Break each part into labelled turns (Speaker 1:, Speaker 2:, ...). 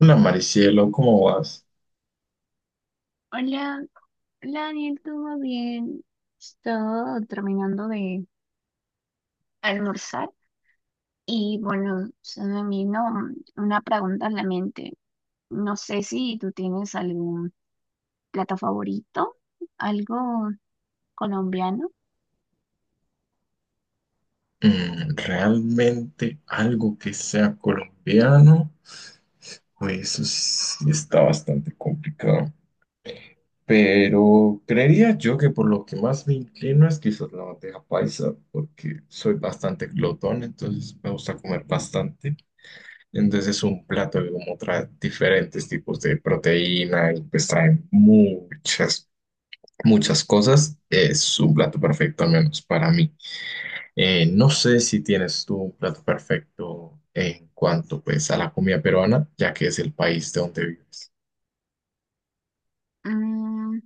Speaker 1: Hola Maricielo, ¿cómo vas?
Speaker 2: Hola, hola Daniel, ¿todo bien? Estoy terminando de almorzar y bueno, se me vino una pregunta a la mente. No sé si tú tienes algún plato favorito, algo colombiano.
Speaker 1: Realmente algo que sea colombiano, pues eso sí está bastante complicado. Pero creería yo que por lo que más me inclino es quizás la bandeja paisa, porque soy bastante glotón, entonces me gusta comer bastante. Entonces es un plato que como trae diferentes tipos de proteína y pues trae muchas cosas. Es un plato perfecto, al menos para mí. No sé si tienes tú un plato perfecto en cuanto pues a la comida peruana, ya que es el país de donde vives.
Speaker 2: Mm,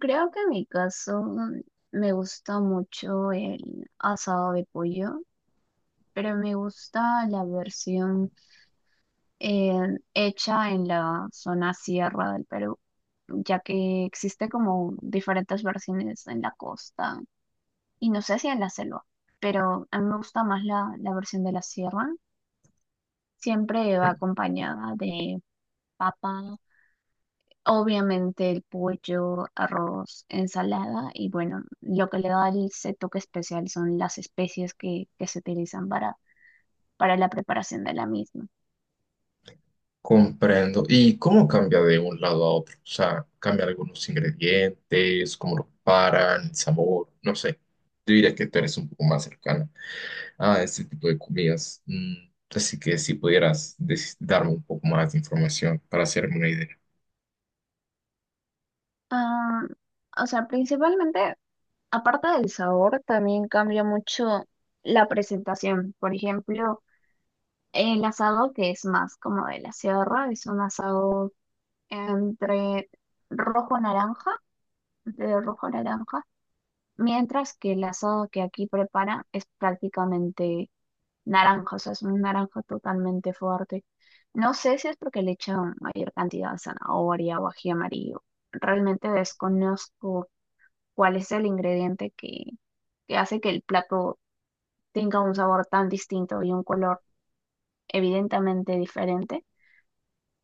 Speaker 2: creo que en mi caso me gusta mucho el asado de pollo, pero me gusta la versión hecha en la zona sierra del Perú, ya que existe como diferentes versiones en la costa y no sé si en la selva, pero a mí me gusta más la versión de la sierra. Siempre va
Speaker 1: Eh,
Speaker 2: acompañada de papa, obviamente el pollo, arroz, ensalada y bueno, lo que le da ese toque especial son las especies que se utilizan para la preparación de la misma.
Speaker 1: Comprendo. ¿Y cómo cambia de un lado a otro? O sea, cambia algunos ingredientes, cómo lo preparan, el sabor, no sé. Yo diría que tú eres un poco más cercana a este tipo de comidas. Así que si pudieras darme un poco más de información para hacerme una idea.
Speaker 2: Ah, o sea, principalmente aparte del sabor, también cambia mucho la presentación. Por ejemplo, el asado que es más como de la sierra, es un asado entre rojo-naranja, entre rojo-naranja, mientras que el asado que aquí prepara es prácticamente naranja, o sea, es un naranja totalmente fuerte. No sé si es porque le echan mayor cantidad de zanahoria o ají amarillo. Realmente desconozco cuál es el ingrediente que hace que el plato tenga un sabor tan distinto y un color evidentemente diferente.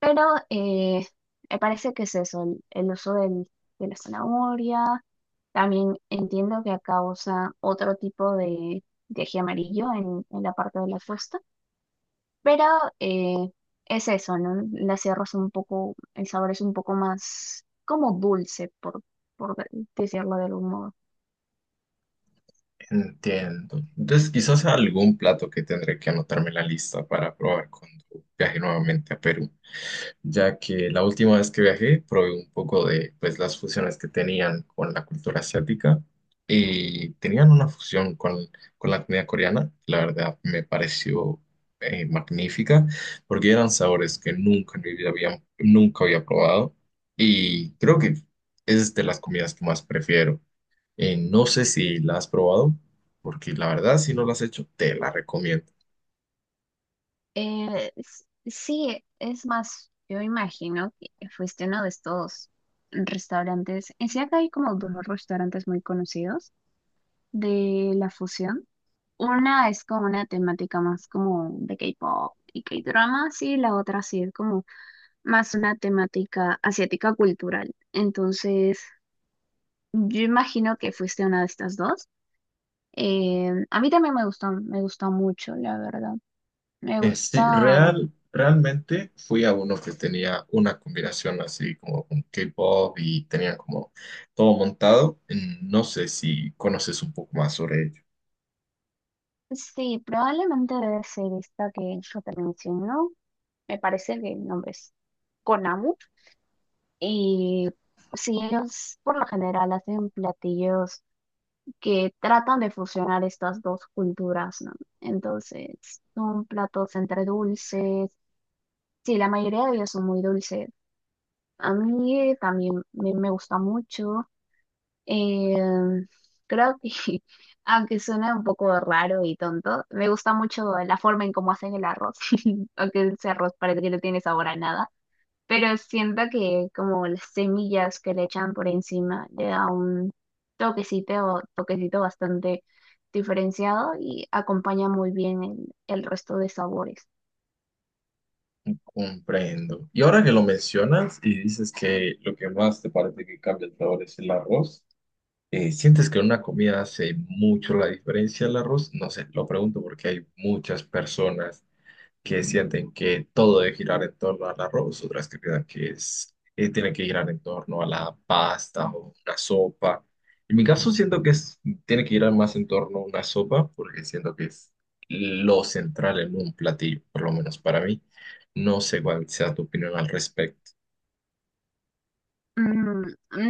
Speaker 2: Pero eh, me parece que es eso, el uso de la zanahoria. También entiendo que causa otro tipo de ají amarillo en la parte de la fusta, pero eh, es eso, ¿no? La sierra es un poco, el sabor es un poco más como dulce, por decirlo de algún modo.
Speaker 1: Entiendo. Entonces, quizás algún plato que tendré que anotarme en la lista para probar cuando viaje nuevamente a Perú, ya que la última vez que viajé probé un poco de pues, las fusiones que tenían con la cultura asiática y tenían una fusión con la comida coreana. La verdad me pareció magnífica porque eran sabores que nunca en mi vida nunca había probado y creo que es de las comidas que más prefiero. No sé si la has probado, porque la verdad, si no la has hecho, te la recomiendo.
Speaker 2: Sí, es más, yo imagino que fuiste a uno de estos restaurantes. En sí, acá hay como dos restaurantes muy conocidos de la fusión. Una es como una temática más como de K-pop y K-drama, y la otra sí es como más una temática asiática cultural. Entonces, yo imagino que fuiste a una de estas dos. A mí también me gustó mucho, la verdad. Me
Speaker 1: Sí,
Speaker 2: gusta.
Speaker 1: realmente fui a uno que tenía una combinación así como con K-pop y tenía como todo montado. Mm. No sé si conoces un poco más sobre ello.
Speaker 2: Sí, probablemente debe ser esta que yo te menciono. Me parece que el nombre es Konamu. Y sí, ellos por lo general hacen platillos que tratan de fusionar estas dos culturas, ¿no? Entonces, son platos entre dulces. Sí, la mayoría de ellos son muy dulces. A mí también me gusta mucho. Eh, creo que, aunque suena un poco raro y tonto, me gusta mucho la forma en cómo hacen el arroz, aunque ese arroz parece que no tiene sabor a nada, pero siento que como las semillas que le echan por encima le da un toquecito, toquecito bastante diferenciado y acompaña muy bien el resto de sabores.
Speaker 1: Comprendo. Y ahora que lo mencionas y dices que lo que más te parece que cambia el sabor es el arroz, ¿sientes que en una comida hace mucho la diferencia el arroz? No sé, lo pregunto porque hay muchas personas que sienten que todo debe girar en torno al arroz, otras que piensan que es, tiene que girar en torno a la pasta o una sopa. En mi caso siento que tiene que girar más en torno a una sopa porque siento que es lo central en un platillo, por lo menos para mí. No sé cuál sea tu opinión al respecto.
Speaker 2: Mm,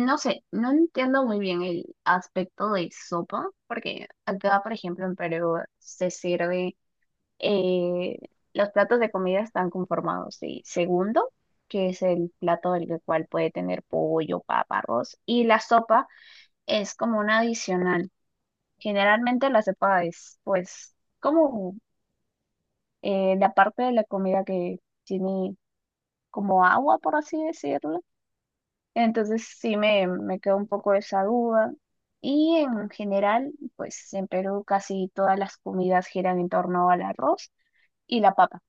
Speaker 2: no sé, no entiendo muy bien el aspecto de sopa, porque acá, por ejemplo, en Perú se sirve eh, los platos de comida están conformados de segundo, que es el plato del cual puede tener pollo, papa, arroz, y la sopa es como un adicional. Generalmente la sopa es pues como la parte de la comida que tiene como agua, por así decirlo. Entonces sí me quedó un poco esa duda. Y en general, pues en Perú casi todas las comidas giran en torno al arroz y la papa.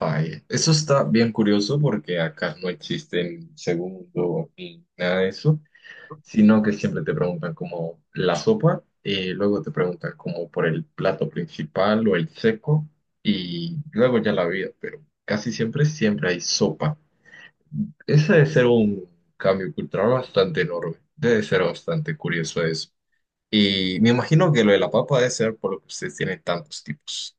Speaker 1: Vaya, eso está bien curioso porque acá no existen segundo ni nada de eso, sino que siempre te preguntan como la sopa, luego te preguntan como por el plato principal o el seco, y luego ya la vida, pero casi siempre, siempre hay sopa. Ese debe ser un cambio cultural bastante enorme, debe ser bastante curioso eso. Y me imagino que lo de la papa debe ser por lo que ustedes tienen tantos tipos.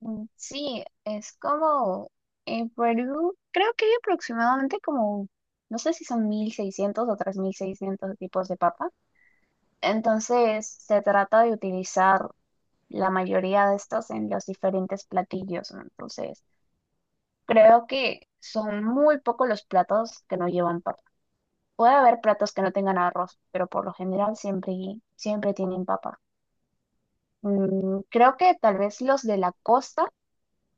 Speaker 2: Mm, sí, es como en Perú, creo que hay aproximadamente como, no sé si son 1600 o 3600 tipos de papa. Entonces, se trata de utilizar la mayoría de estos en los diferentes platillos, ¿no? Entonces, creo que son muy pocos los platos que no llevan papa. Puede haber platos que no tengan arroz, pero por lo general siempre, siempre tienen papa. Mm, creo que tal vez los de la costa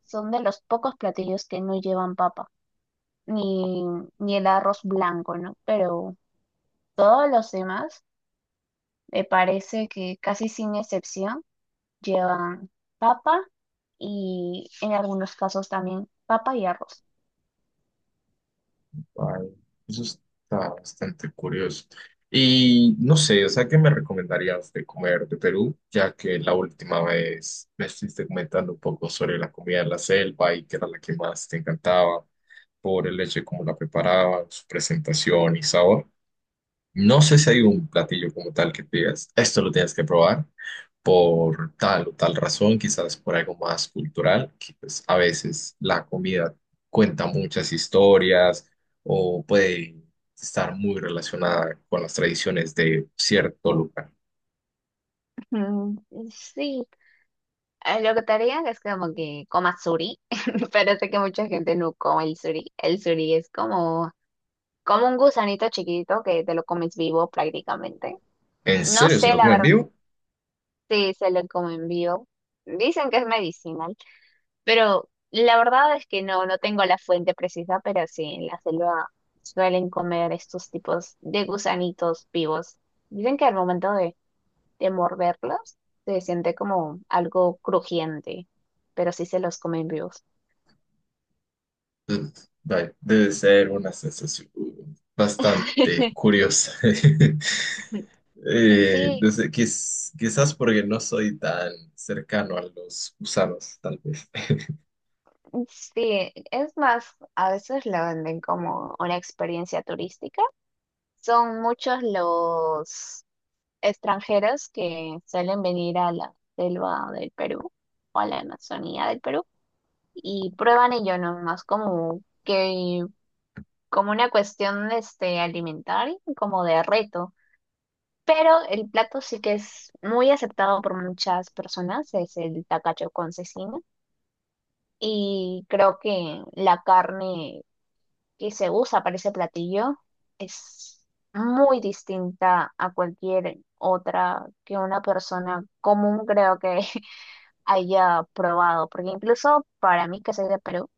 Speaker 2: son de los pocos platillos que no llevan papa. Ni, ni el arroz blanco, ¿no? Pero todos los demás, me parece que casi sin excepción, llevan papa y en algunos casos también papa y arroz.
Speaker 1: Ay, eso está bastante curioso. Y no sé, o sea, ¿qué me recomendarías de comer de Perú? Ya que la última vez me estuviste comentando un poco sobre la comida de la selva y que era la que más te encantaba por el hecho de cómo la preparaban, su presentación y sabor. No sé si hay un platillo como tal que te digas, esto lo tienes que probar por tal o tal razón, quizás por algo más cultural, que pues a veces la comida cuenta muchas historias o puede estar muy relacionada con las tradiciones de cierto lugar.
Speaker 2: Mm, sí. Lo que te haría es como que comas suri, pero sé que mucha gente no come el suri. El suri es como, como un gusanito chiquitito que te lo comes vivo prácticamente.
Speaker 1: ¿En
Speaker 2: No
Speaker 1: serio se
Speaker 2: sé,
Speaker 1: lo
Speaker 2: la
Speaker 1: comen
Speaker 2: verdad,
Speaker 1: vivo?
Speaker 2: sí se lo comen vivo. Dicen que es medicinal, pero la verdad es que no, no tengo la fuente precisa, pero sí, en la selva suelen comer estos tipos de gusanitos vivos. Dicen que al momento de morderlos se siente como algo crujiente, pero sí se los comen vivos.
Speaker 1: Ugh, vaya, debe ser una sensación bastante curiosa.
Speaker 2: Sí,
Speaker 1: No sé, quizás porque no soy tan cercano a los gusanos, tal vez.
Speaker 2: sí, es más, a veces la venden como una experiencia turística. Son muchos los extranjeros que suelen venir a la selva del Perú o a la Amazonía del Perú y prueban ello nomás como que como una cuestión este alimentaria, como de reto. Pero el plato sí que es muy aceptado por muchas personas, es el tacacho con cecina. Y creo que la carne que se usa para ese platillo es muy distinta a cualquier otra que una persona común creo que haya probado, porque incluso para mí que soy de Perú,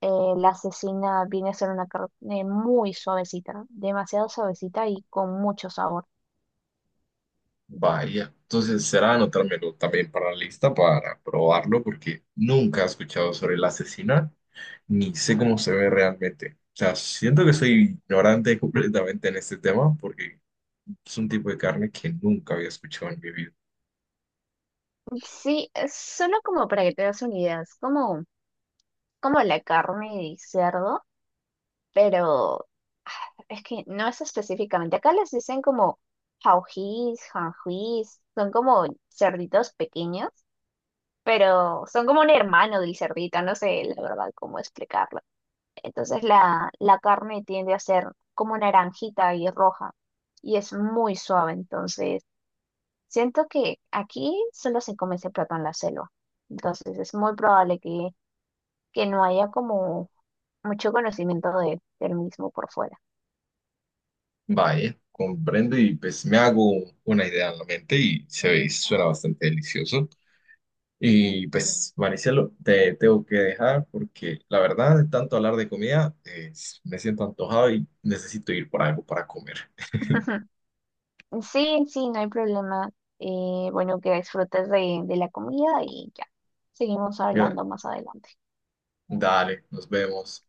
Speaker 2: eh, la cecina viene a ser una carne muy suavecita, demasiado suavecita y con mucho sabor.
Speaker 1: Vaya, entonces será anotármelo también para la lista para probarlo, porque nunca he escuchado sobre el asesinato, ni sé cómo se ve realmente. O sea, siento que soy ignorante completamente en este tema, porque es un tipo de carne que nunca había escuchado en mi vida.
Speaker 2: Sí, es solo como para que te des una idea, es como, como la carne de cerdo pero ah, es que no es específicamente. Acá les dicen como jaujíes, janjuís, son como cerditos pequeños, pero son como un hermano del cerdito, no sé la verdad cómo explicarlo. Entonces la carne tiende a ser como naranjita y roja y es muy suave, entonces siento que aquí solo se come ese plato en la selva. Entonces es muy probable que no haya como mucho conocimiento del mismo por fuera.
Speaker 1: Vaya, comprendo y pues me hago una idea en la mente y se ve y suena bastante delicioso. Y pues, Maricelo, te tengo que dejar porque la verdad, de tanto hablar de comida, me siento antojado y necesito ir por algo para comer.
Speaker 2: Sí, sí, no hay problema. Bueno, que disfrutes de la comida y ya. Seguimos
Speaker 1: Mira,
Speaker 2: hablando más adelante.
Speaker 1: dale, nos vemos.